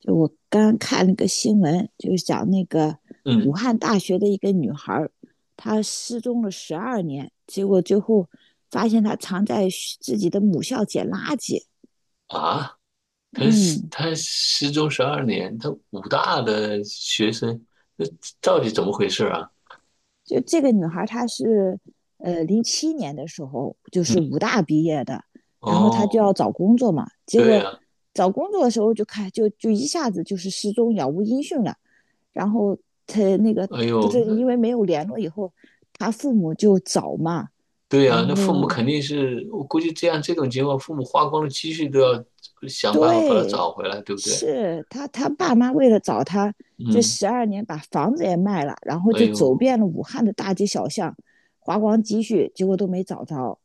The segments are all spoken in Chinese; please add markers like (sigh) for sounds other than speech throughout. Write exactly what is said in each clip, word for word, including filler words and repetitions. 就我刚看了个新闻，就是讲那个武嗯汉大学的一个女孩她失踪了十二年，结果最后发现她藏在自己的母校捡垃圾。啊，他是嗯，他失踪十二年，他武大的学生，那到底怎么回事啊？就这个女孩她是呃零七年的时候就嗯，是武大毕业的，然后她就哦，要找工作嘛，结对果呀，找工作的时候就看就就一下子就是失踪杳无音讯了，然后她那个哎不呦，是那因为没有联络以后，她父母就找嘛。对然呀，那父母后肯定是，我估计这样这种情况，父母花光了积蓄都要想办法把他对，找回来，对不对？是他他爸妈为了找他，这嗯，十二年把房子也卖了，然后哎就走呦，遍了武汉的大街小巷，花光积蓄，结果都没找着。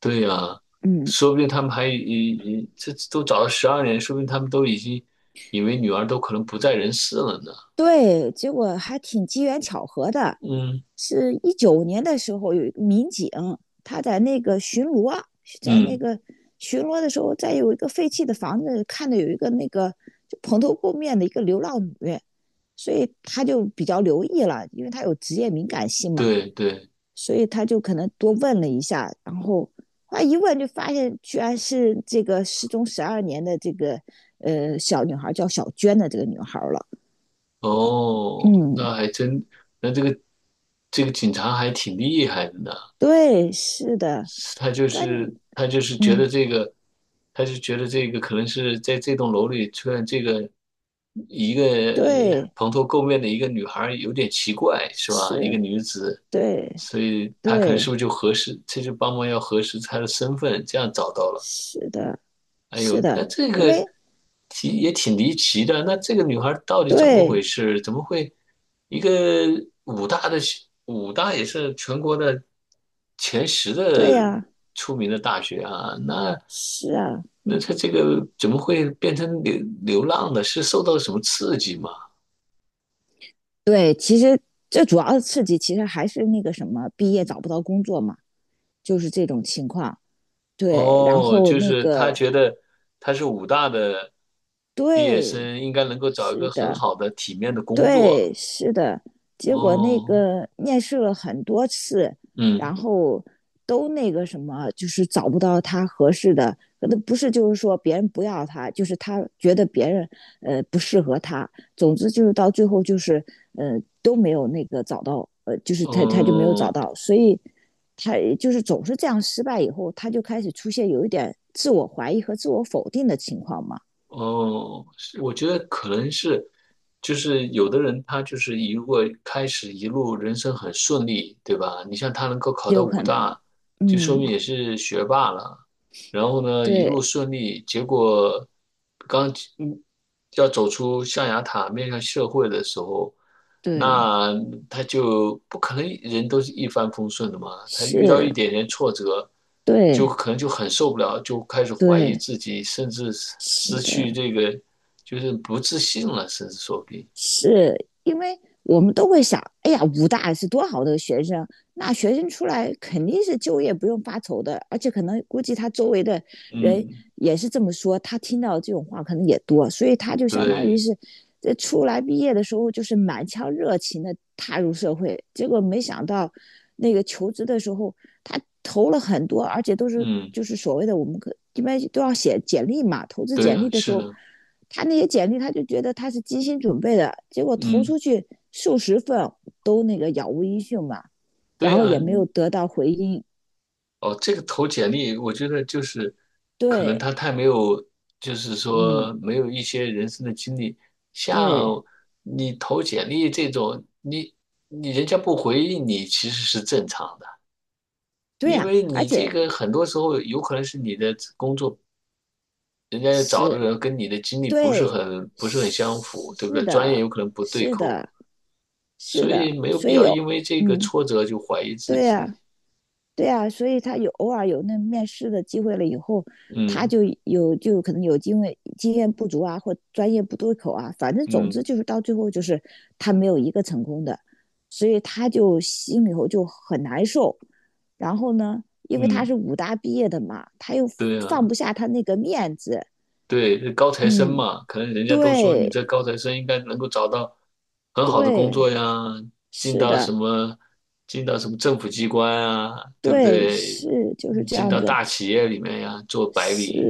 对呀，嗯，说不定他们还已已这都找了十二年，说不定他们都已经以为女儿都可能不在人世了呢。对，结果还挺机缘巧合的，嗯是一九年的时候有一个民警，他在那个巡逻，在那嗯，个巡逻的时候，在有一个废弃的房子看到有一个那个就蓬头垢面的一个流浪女。所以他就比较留意了，因为他有职业敏感性嘛，对对。所以他就可能多问了一下，然后他一问就发现居然是这个失踪十二年的这个呃小女孩叫小娟的这个女孩了。哦，嗯，那还真，那这个这个警察还挺厉害的呢。对，是的，他就关，是他就是觉嗯，得这个，他就觉得这个可能是在这栋楼里出现这个一个呃对，蓬头垢面的一个女孩儿有点奇怪，是吧？一个是，女子，对，所以他可能是对，不是就核实，这就帮忙要核实她的身份，这样找到了。是的，哎是呦，那的，这因个为挺也挺离奇的。那这个女孩到底怎么回对，事？怎么会一个武大的学武大也是全国的前十的对呀、啊出名的大学啊？那是啊，那她这个怎么会变成流流浪的？是受到了什么刺激吗？对，其实这主要的刺激其实还是那个什么，毕业找不到工作嘛，就是这种情况。对，然哦，后就那是她个觉得她是武大的毕业对，生，应该能够找一是个很的，好的体面的工作。对，是的，结果那哦，个面试了很多次，嗯。然后都那个什么，就是找不到他合适的，那不是就是说别人不要他，就是他觉得别人呃不适合他，总之就是到最后就是呃都没有那个找到，呃就是他他就没有找嗯，到，所以他就是总是这样失败以后，他就开始出现有一点自我怀疑和自我否定的情况嘛，哦，是我觉得可能是，就是有的人他就是一如果开始一路人生很顺利，对吧？你像他能够考到有武可能，大，就说明嗯，也是学霸了。然后呢，一路对顺利，结果刚嗯要走出象牙塔面向社会的时候，对。那他就不可能人都是一帆风顺的嘛。他遇到一是，点点挫折，就对可能就很受不了，就开始怀疑对，自己，甚至失是失的，去这个就是不自信了，甚至说不定。是因为我们都会想，哎呀，武大是多好的学生，那学生出来肯定是就业不用发愁的，而且可能估计他周围的人嗯，也是这么说，他听到这种话可能也多，所以他就相当于对，是，这出来毕业的时候就是满腔热情的踏入社会，结果没想到那个求职的时候，他投了很多，而且都是嗯，就是所谓的我们可一般都要写简历嘛，投资对简啊，历的时是候，的，他那些简历他就觉得他是精心准备的，结果投嗯，出去数十份都那个杳无音讯嘛，然对后啊，也没有得到回音。哦，这个投简历，我觉得就是可能对，他太没有，就是说嗯，没有一些人生的经历。像对，你投简历这种，你你人家不回应你，其实是正常的，对因呀、为而你这且个很多时候有可能是你的工作，人家找的是人跟你的经历不是对，很不是很相是符，对不是对？专业的，有可能不对是口，的，是所的，以没有所必以要有，因为这个嗯，挫折就怀疑自对己。呀、对啊，所以他有偶尔有那面试的机会了以后，他嗯就有就可能有经验经验不足啊，或专业不对口啊，反正总之嗯就是到最后就是他没有一个成功的，所以他就心里头就很难受。然后呢，因为他嗯，是武大毕业的嘛，他又对放啊。不下他那个面子。对，高材生嗯，嘛，可能人家都说你对这高材生应该能够找到很好的工作对，呀，进是到什的，么，进到什么政府机关啊，对不对对？是就是这进样到子。大企业里面呀，做白是领，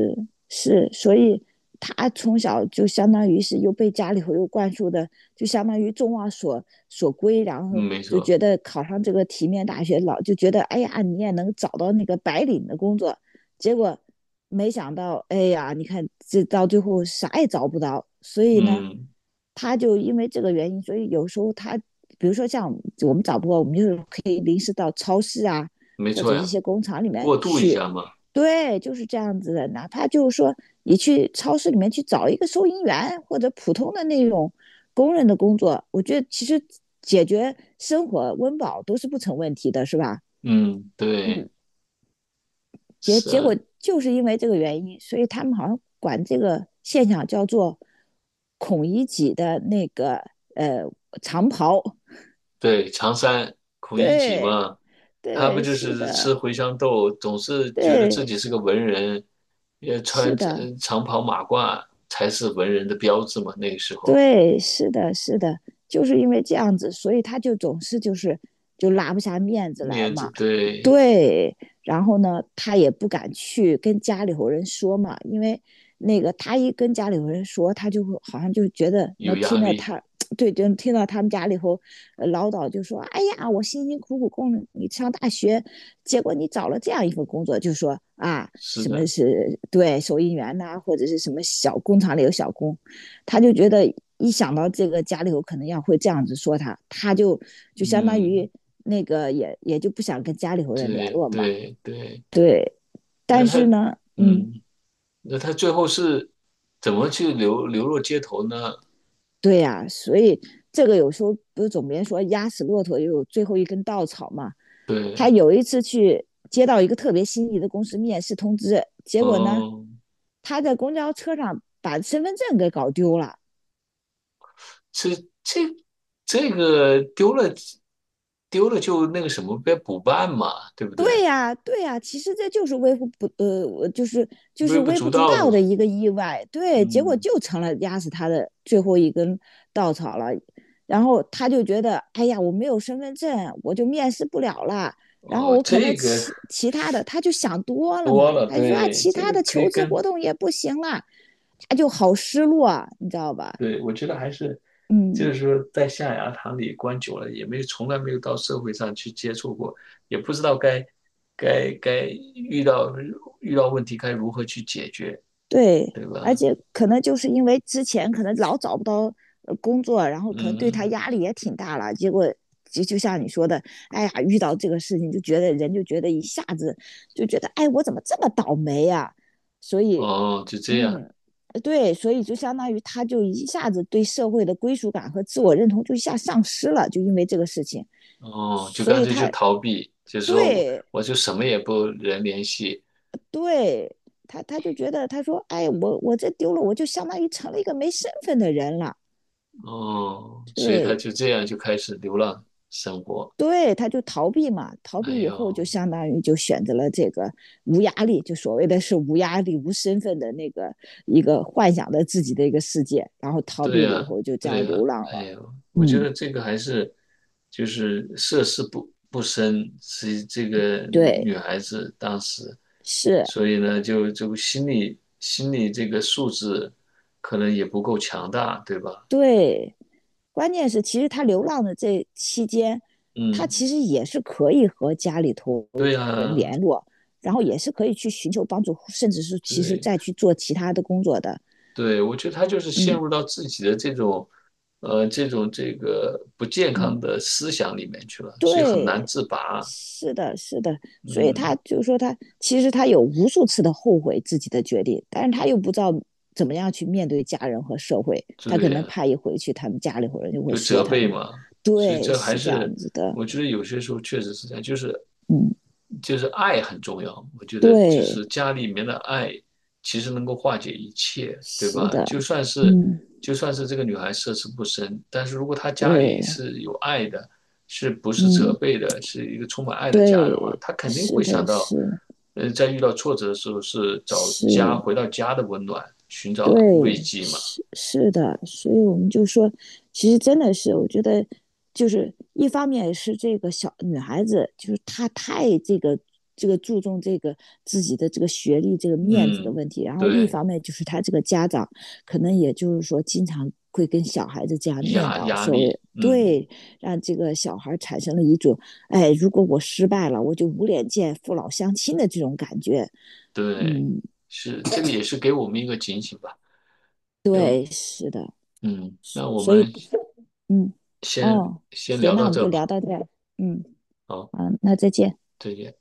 是，所以他从小就相当于是又被家里头又灌输的，就相当于众望所所归，然嗯后没就错，觉得考上这个体面大学，老就觉得哎呀，你也能找到那个白领的工作，结果没想到，哎呀，你看这到最后啥也找不到，所以呢，嗯，他就因为这个原因，所以有时候他，比如说像我们找不到，我们就可以临时到超市啊，没或错者一呀，些工厂里面过渡一去。下嘛，对，就是这样子的。哪怕就是说，你去超市里面去找一个收银员或者普通的那种工人的工作，我觉得其实解决生活温饱都是不成问题的，是吧？嗯，对，嗯，结是结啊，果就是因为这个原因，所以他们好像管这个现象叫做"孔乙己"的那个呃长袍。对，常山 (laughs) 孔乙己对嘛，他不对，就是是的，吃茴香豆，总是觉得自对己是个文人，也穿是的。呃长袍马褂才是文人的标志嘛。那个时候对，是的，是的，就是因为这样子，所以他就总是就是就拉不下面子来面子嘛。对对，然后呢，他也不敢去跟家里头人说嘛，因为那个他一跟家里头人说，他就会好像就觉得有能压听到力，他，(tsk) 对，就听到他们家里头呃唠叨，就说："哎呀，我辛辛苦苦供你上大学，结果你找了这样一份工作，就说啊，是什么的，是对收银员呐、或者是什么小工厂里有小工。"他就觉得一想到这个家里头可能要会这样子说他，他就就相当嗯，于那个也也就不想跟家里头人联对络嘛。对对。对，那但他是呢，嗯，嗯，那他最后是怎么去流流落街头呢？对呀、啊所以这个有时候不是总别人说压死骆驼也有最后一根稻草嘛。对，他有一次去接到一个特别心仪的公司面试通知，结果呢，哦，他在公交车上把身份证给搞丢了。这这这个丢了丢了就那个什么呗，补办嘛，对不对对？呀，对呀，其实这就是微不不呃，我就是就微是不微足不足道道的，的一个意外，对，结果嗯，就成了压死他的最后一根稻草了。然后他就觉得，哎呀，我没有身份证，我就面试不了了。然后哦，我可能这个其其他的，他就想多了多嘛，了，他就说啊，对，其这他个的可以求职跟，活动也不行了，他就好失落啊，你知道吧？对，我觉得还是就嗯。是说在象牙塔里关久了，也没从来没有到社会上去接触过，也不知道该该该遇到遇到问题该如何去解决，对，对而吧？且可能就是因为之前可能老找不到呃工作，然后可能对他嗯，压力也挺大了，结果就就像你说的，哎呀，遇到这个事情就觉得人就觉得一下子就觉得，哎，我怎么这么倒霉呀、所以，哦，就这样。嗯，对，所以就相当于他就一下子对社会的归属感和自我认同就一下丧失了，就因为这个事情，哦，就所干以脆就他逃避，就是说我对我就什么也不人联系，对他，他就觉得他说，哎，我我这丢了，我就相当于成了一个没身份的人了。哦，所以他对就这样就开始流浪生活。对，他就逃避嘛，逃哎避以后就呦，相当于就选择了这个无压力，就所谓的是无压力、无身份的那个一个幻想的自己的一个世界，然后逃对避了以呀，后就这对样呀，流浪哎了。呦，我觉嗯，得这个还是就是涉世不不深，是这个对，女孩子当时，是，所以呢，就就心理心理这个素质可能也不够强大，对吧？对，关键是，其实他流浪的这期间，他嗯，其实也是可以和家里头对人呀，联络，然后也是可以去寻求帮助，甚至是其实对。再去做其他的工作的。对，我觉得他就是陷嗯入到自己的这种，呃，这种这个不健康嗯，的思想里面去了，所以很难对，自拔。是的，是的。所以嗯，他就是说他，其实他有无数次的后悔自己的决定，但是他又不知道怎么样去面对家人和社会，他可对能呀，怕一回去，他们家里头人就会有说责他备嘛。嘛，所以对，这还是这样是子的。我觉得有些时候确实是这样，就是嗯，就是爱很重要。我觉得就对。是家里面的爱其实能够化解一切，对是吧？的，就算是嗯，就算是这个女孩涉世不深，但是如果她家里对，是有爱的，是不是责嗯，备的，是一个充满爱的家的话，对，她肯定是会想的，到，是呃，在遇到挫折的时候是找是，家，回到家的温暖，寻对，找慰藉嘛。是是的，所以我们就说，其实真的是，我觉得就是一方面是这个小女孩子，就是她太这个这个注重这个自己的这个学历、这个面子的嗯，问题，然后另一对。方面就是她这个家长可能也就是说经常会跟小孩子这样念压叨，压所谓力，嗯，对，让这个小孩产生了一种，哎，如果我失败了，我就无脸见父老乡亲的这种感觉。对，嗯，是这个也是给我们一个警醒吧。要，对，是的。嗯，那我所以们嗯，先哦，先聊行，那到我们这就吧。聊到这儿嗯，好，好，那再见。再见。